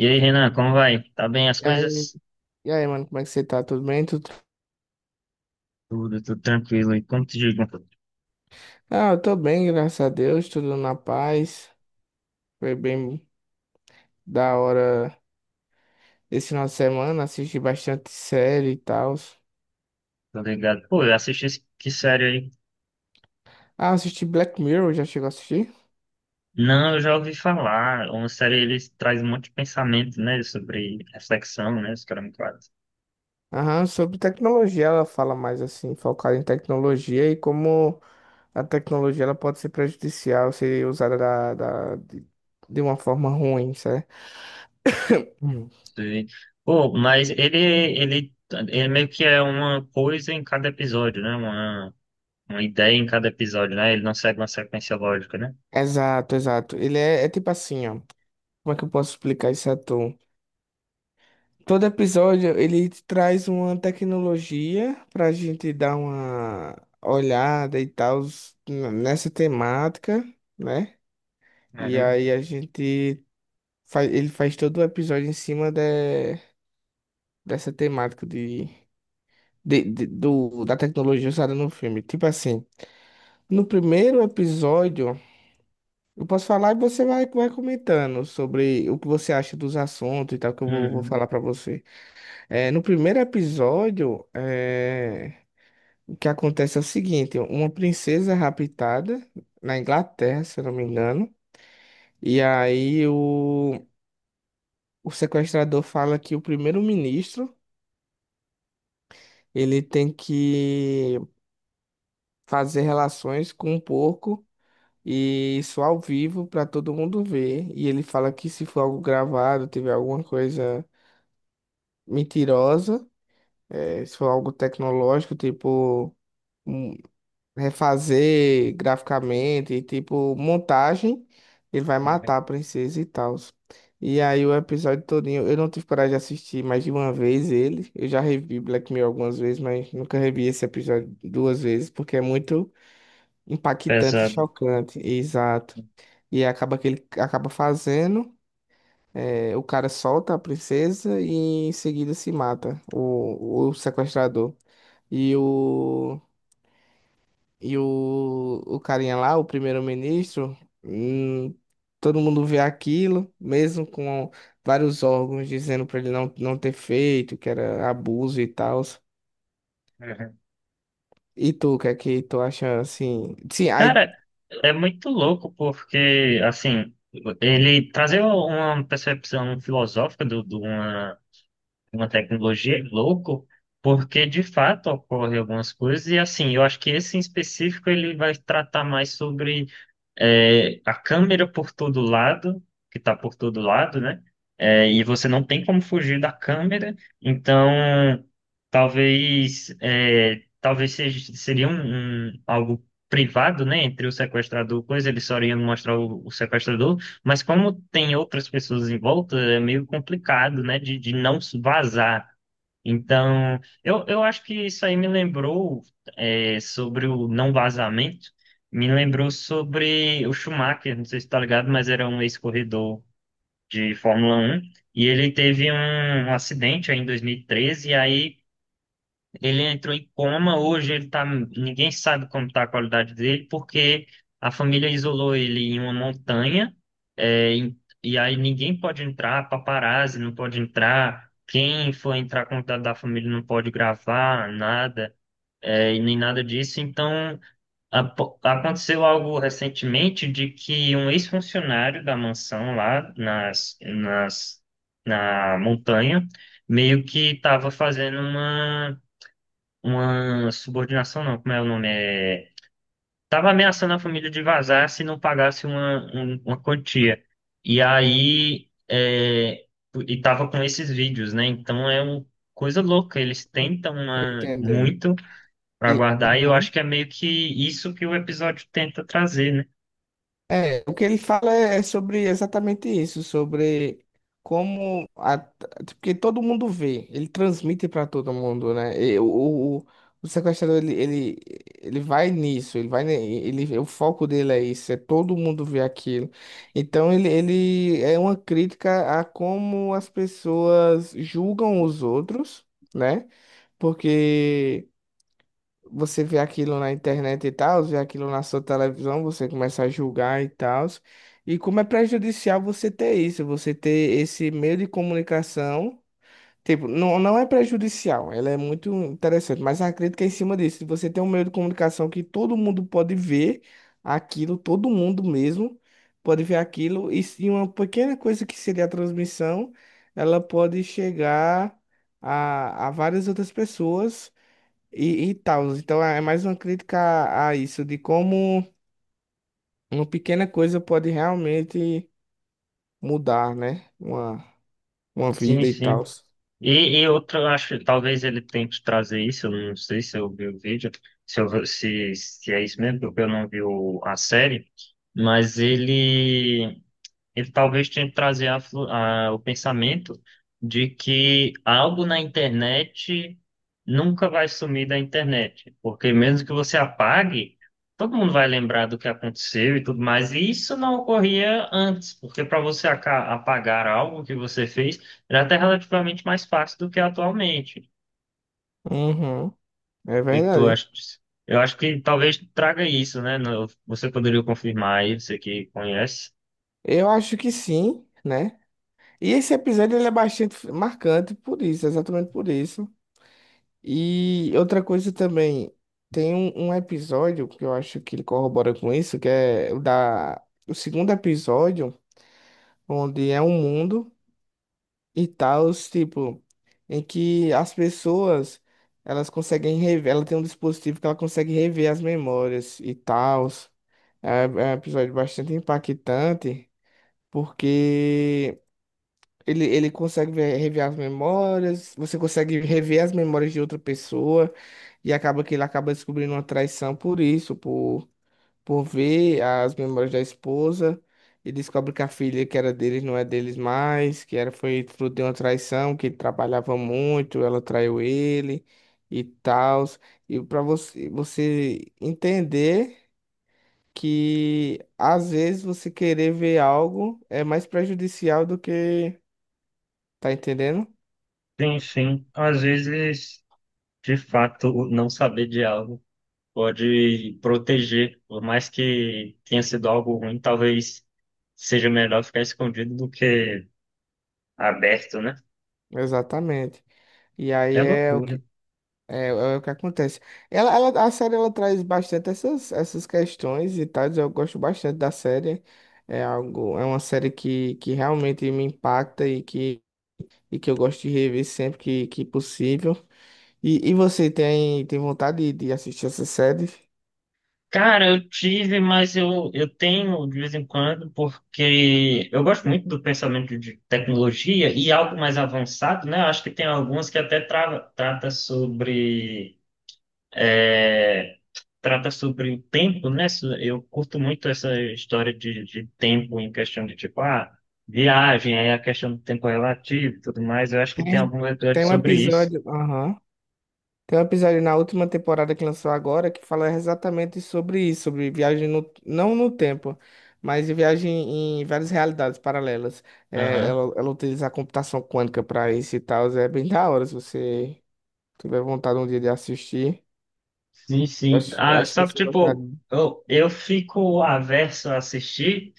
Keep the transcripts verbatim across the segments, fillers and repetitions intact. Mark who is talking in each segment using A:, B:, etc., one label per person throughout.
A: E aí, Renan, como vai? Tá bem as
B: E aí,
A: coisas?
B: e aí, mano, como é que você tá? Tudo bem? Tudo...
A: Tudo, tudo tranquilo. E como te digo,
B: Ah, eu tô bem, graças a Deus, tudo na paz. Foi bem da hora esse final de semana, assisti bastante série e tal.
A: tá ligado? Pô, eu assisti esse- que série aí?
B: Ah, assisti Black Mirror, já chegou a assistir?
A: Não, eu já ouvi falar. Uma série, ele traz um monte de pensamento, né? Sobre reflexão, né? Os caras me falam.
B: Aham, sobre tecnologia, ela fala mais assim, focada em tecnologia e como a tecnologia ela pode ser prejudicial, ser usada da, da- de, de uma forma ruim, certo? Hum.
A: Sim. Pô, mas ele, ele, ele meio que é uma coisa em cada episódio, né? Uma, uma ideia em cada episódio, né? Ele não segue uma sequência lógica, né?
B: Exato, exato. Ele é, é tipo assim, ó. Como é que eu posso explicar isso a tu? Todo episódio ele traz uma tecnologia para a gente dar uma olhada e tal nessa temática, né? E
A: Uhum.
B: aí a gente faz, ele faz todo o episódio em cima de- dessa temática de, de- de- do, da tecnologia usada no filme. Tipo assim, no primeiro episódio eu posso falar e você vai, vai comentando sobre o que você acha dos assuntos e tal que eu vou, vou falar
A: Uhum.
B: para você. É, no primeiro episódio, é, o que acontece é o seguinte, uma princesa é raptada na Inglaterra, se eu não me engano, e aí o, o sequestrador fala que o primeiro-ministro, ele tem que fazer relações com um porco e isso ao vivo para todo mundo ver, e ele fala que se for algo gravado, tiver alguma coisa mentirosa, eh, se for algo tecnológico, tipo um refazer graficamente, e, tipo, montagem, ele vai matar a
A: Uhum.
B: princesa e tal. E aí o episódio todinho, eu não tive coragem de assistir mais de uma vez ele. Eu já revi Black Mirror algumas vezes, mas nunca revi esse episódio duas vezes, porque é muito impactante e
A: Pesado.
B: chocante. Exato. E acaba que ele acaba fazendo, é, o cara solta a princesa e em seguida se mata, o, o sequestrador. E o E o, o, carinha lá, o primeiro-ministro, hum, todo mundo vê aquilo, mesmo com vários órgãos dizendo pra ele não, não ter feito, que era abuso e tal. E tu, o que é que tu acha assim? Sim, aí.
A: Cara, é muito louco porque, assim, ele trazer uma percepção filosófica do- de uma, uma tecnologia é louco, porque de fato ocorrem algumas coisas, e assim, eu acho que esse em específico ele vai tratar mais sobre é, a câmera por todo lado, que está por todo lado, né? É, e você não tem como fugir da câmera, então talvez é, talvez seja, seria um, um- algo privado, né? Entre o sequestrador, coisa, ele só iria mostrar o, o sequestrador, mas como tem outras pessoas em volta, é meio complicado, né? De, de não vazar. Então, eu, eu acho que isso aí me lembrou é, sobre o não vazamento, me lembrou sobre o Schumacher, não sei se está ligado, mas era um ex-corredor de Fórmula Um e ele teve um, um acidente aí em dois mil e treze, e treze, e aí ele entrou em coma, hoje ele tá, ninguém sabe como está a qualidade dele, porque a família isolou ele em uma montanha, é, em- e, aí ninguém pode entrar, paparazzi não pode entrar, quem for entrar com o contato da família não pode gravar, nada, é, e nem nada disso. Então, apo- aconteceu algo recentemente de que um ex-funcionário da mansão lá nas, nas, na montanha meio que estava fazendo uma uma subordinação, não, como é o nome? É... Tava ameaçando a família de vazar se não pagasse uma, um- uma quantia. E aí, é... e tava com esses vídeos, né? Então é uma coisa louca. Eles tentam
B: Tô
A: uma...
B: entendendo.
A: muito para
B: E,
A: guardar, e eu
B: Aham.
A: acho que é meio que isso que o episódio tenta trazer, né?
B: É, o que ele fala é é sobre exatamente isso, sobre como a- porque todo mundo vê, ele transmite para todo mundo, né? E o, o, o sequestrador ele, ele, ele vai nisso, ele vai ne- ele o foco dele é isso, é todo mundo vê aquilo. Então ele, ele é uma crítica a como as pessoas julgam os outros, né? Porque você vê aquilo na internet e tal, vê aquilo na sua televisão, você começa a julgar e tal. E como é prejudicial você ter isso, você ter esse meio de comunicação. Tipo, não, não é prejudicial, ela é muito interessante, mas a crítica é em cima disso, se você tem um meio de comunicação que todo mundo pode ver aquilo, todo mundo mesmo pode ver aquilo, e se uma pequena coisa que seria a transmissão, ela pode chegar a, a várias outras pessoas e, e tal. Então é mais uma crítica a, a isso, de como uma pequena coisa pode realmente mudar, né? Uma, uma
A: Sim,
B: vida e
A: sim.
B: tal.
A: E, e outro, eu acho que talvez ele tente trazer isso, eu não sei se eu vi o vídeo, se, eu- se, se é isso mesmo, porque eu não vi o- a série, mas ele ele talvez tenha que trazer a flu- a- o pensamento de que algo na internet nunca vai sumir da internet, porque mesmo que você apague, todo mundo vai lembrar do que aconteceu e tudo mais, e isso não ocorria antes, porque para você aca- apagar algo que você fez era até relativamente mais fácil do que atualmente.
B: Uhum, é
A: O que que tu
B: verdade.
A: acha disso? Eu acho que talvez traga isso, né? No- Você poderia confirmar aí, você que conhece.
B: Eu acho que sim, né? E esse episódio ele é bastante marcante por isso, exatamente por isso. E outra coisa também, tem um, um episódio que eu acho que ele corrobora com isso, que é o da, o segundo episódio, onde é um mundo. E tal, tipo, em que as pessoas elas conseguem rever, ela tem um dispositivo que ela consegue rever as memórias e tal. É, é um episódio bastante impactante, porque ele, ele consegue ver- rever as memórias, você consegue rever as memórias de outra pessoa, e acaba que ele acaba descobrindo uma traição por isso, por por ver as memórias da esposa e descobre que a filha que era deles não é deles mais, que era foi fruto de uma traição, que ele trabalhava muito, ela traiu ele e tal. E para você, você entender que às vezes você querer ver algo é mais prejudicial do que... Tá entendendo?
A: Sim, sim. Às vezes. De fato, o não saber de algo pode proteger, por mais que tenha sido algo ruim, talvez seja melhor ficar escondido do que aberto, né?
B: Exatamente. E aí
A: É
B: é o
A: loucura.
B: que... É, é o que acontece. Ela, ela- a série ela traz bastante essas, essas questões e tal. Eu gosto bastante da série. É algo, é uma série que, que realmente me impacta e que, e que eu gosto de rever sempre que, que possível. E, e você tem, tem vontade de, de assistir essa série?
A: Cara, eu tive, mas eu, eu tenho de vez em quando, porque eu gosto muito do pensamento de tecnologia e algo mais avançado, né? Eu acho que tem algumas que até tra trata sobre é, trata sobre o tempo, né? So- Eu curto muito essa história de, de tempo em questão de tipo, ah, viagem, aí a questão do tempo relativo e tudo mais. Eu acho que tem
B: Tem,
A: algum episódio
B: tem um
A: sobre isso.
B: episódio. Aham. Tem um episódio na última temporada que lançou agora que fala exatamente sobre isso, sobre viagem no, não no tempo, mas de viagem em várias realidades paralelas. É,
A: Aham.
B: ela, ela utiliza a computação quântica para isso e tal. É bem da hora se você tiver vontade um dia de assistir.
A: Sim, sim.
B: Acho,
A: Ah,
B: acho que
A: só que,
B: você
A: tipo,
B: gostaria.
A: eu, eu fico averso a assistir.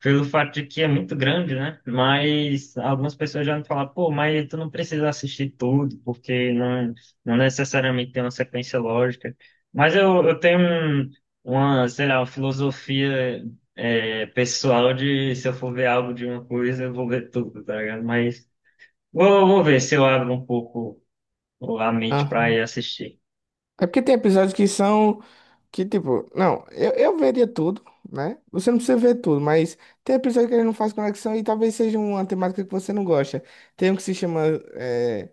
A: Pelo fato de que é muito grande, né? Mas algumas pessoas já me falam, pô, mas tu não precisa assistir tudo, porque não, não necessariamente tem uma sequência lógica. Mas eu, eu tenho um- uma, sei lá, uma filosofia é, pessoal de se eu for ver algo de uma coisa, eu vou ver tudo, tá ligado? Mas vou, vou ver se eu abro um pouco a mente para ir assistir.
B: É porque tem episódios que são que, tipo, não, eu, eu veria tudo, né? Você não precisa ver tudo, mas tem episódio que ele não faz conexão e talvez seja uma temática que você não gosta. Tem um que se chama é,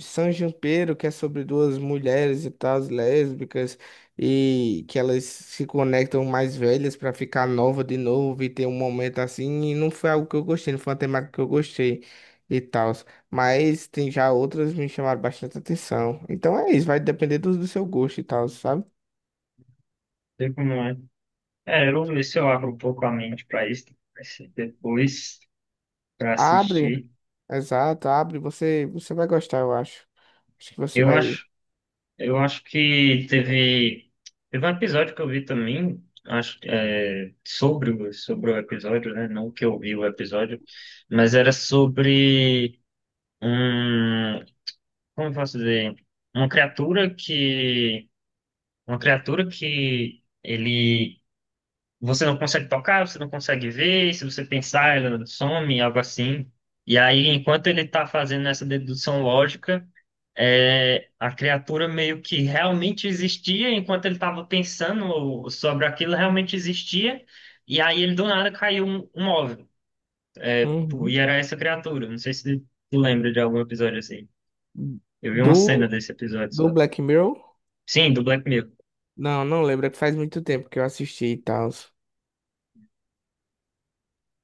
B: San Junipero, que é sobre duas mulheres e tal, lésbicas, e que elas se conectam mais velhas pra ficar nova de novo e ter um momento assim, e não foi algo que eu gostei, não foi uma temática que eu gostei e tal. Mas tem já outras que me chamaram bastante atenção. Então é isso, vai depender do, do seu gosto e tal, sabe?
A: Sei como é. É, eu vou ver se eu abro um pouco a mente para isso, pra esse- depois para
B: Abre,
A: assistir.
B: exato, abre, você, você vai gostar, eu acho. Acho que você
A: Eu
B: vai.
A: acho Eu acho que teve, teve um episódio que eu vi também, acho, que, é, sobre, o- sobre o episódio, né? Não que eu vi o episódio, mas era sobre um, como eu posso dizer, uma criatura que, uma criatura que ele, você não consegue tocar, você não consegue ver, e se você pensar, ela some, algo assim. E aí, enquanto ele está fazendo essa dedução lógica é, a criatura meio que realmente existia, enquanto ele estava pensando sobre aquilo, realmente existia, e aí ele do nada caiu um, um óvulo. Pô,
B: Uhum.
A: e era essa criatura. Não sei se tu lembra de algum episódio assim. Eu vi uma
B: Do,
A: cena desse episódio
B: do
A: só.
B: Black Mirror?
A: Sim, do Black Mirror.
B: Não, não lembro, é que faz muito tempo que eu assisti e tal.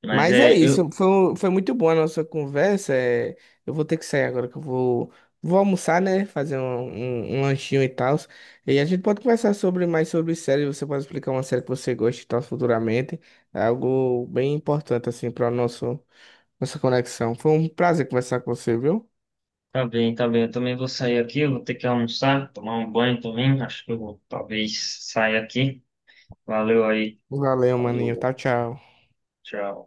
A: Mas
B: Mas é
A: é, eu.
B: isso, foi, um- foi muito boa a nossa conversa. é, eu vou ter que sair agora, que eu vou, vou almoçar, né? Fazer um, um, um lanchinho e tal. E a gente pode conversar sobre mais sobre série. Você pode explicar uma série que você gosta e tal futuramente. É algo bem importante, assim, para nosso nossa conexão. Foi um prazer conversar com você, viu?
A: Tá bem, tá bem. Eu também vou sair aqui, eu vou ter que almoçar, tomar um banho também. Acho que eu vou, talvez, sair aqui. Valeu aí.
B: Valeu, maninho.
A: Valeu,
B: Tchau, tchau.
A: tchau.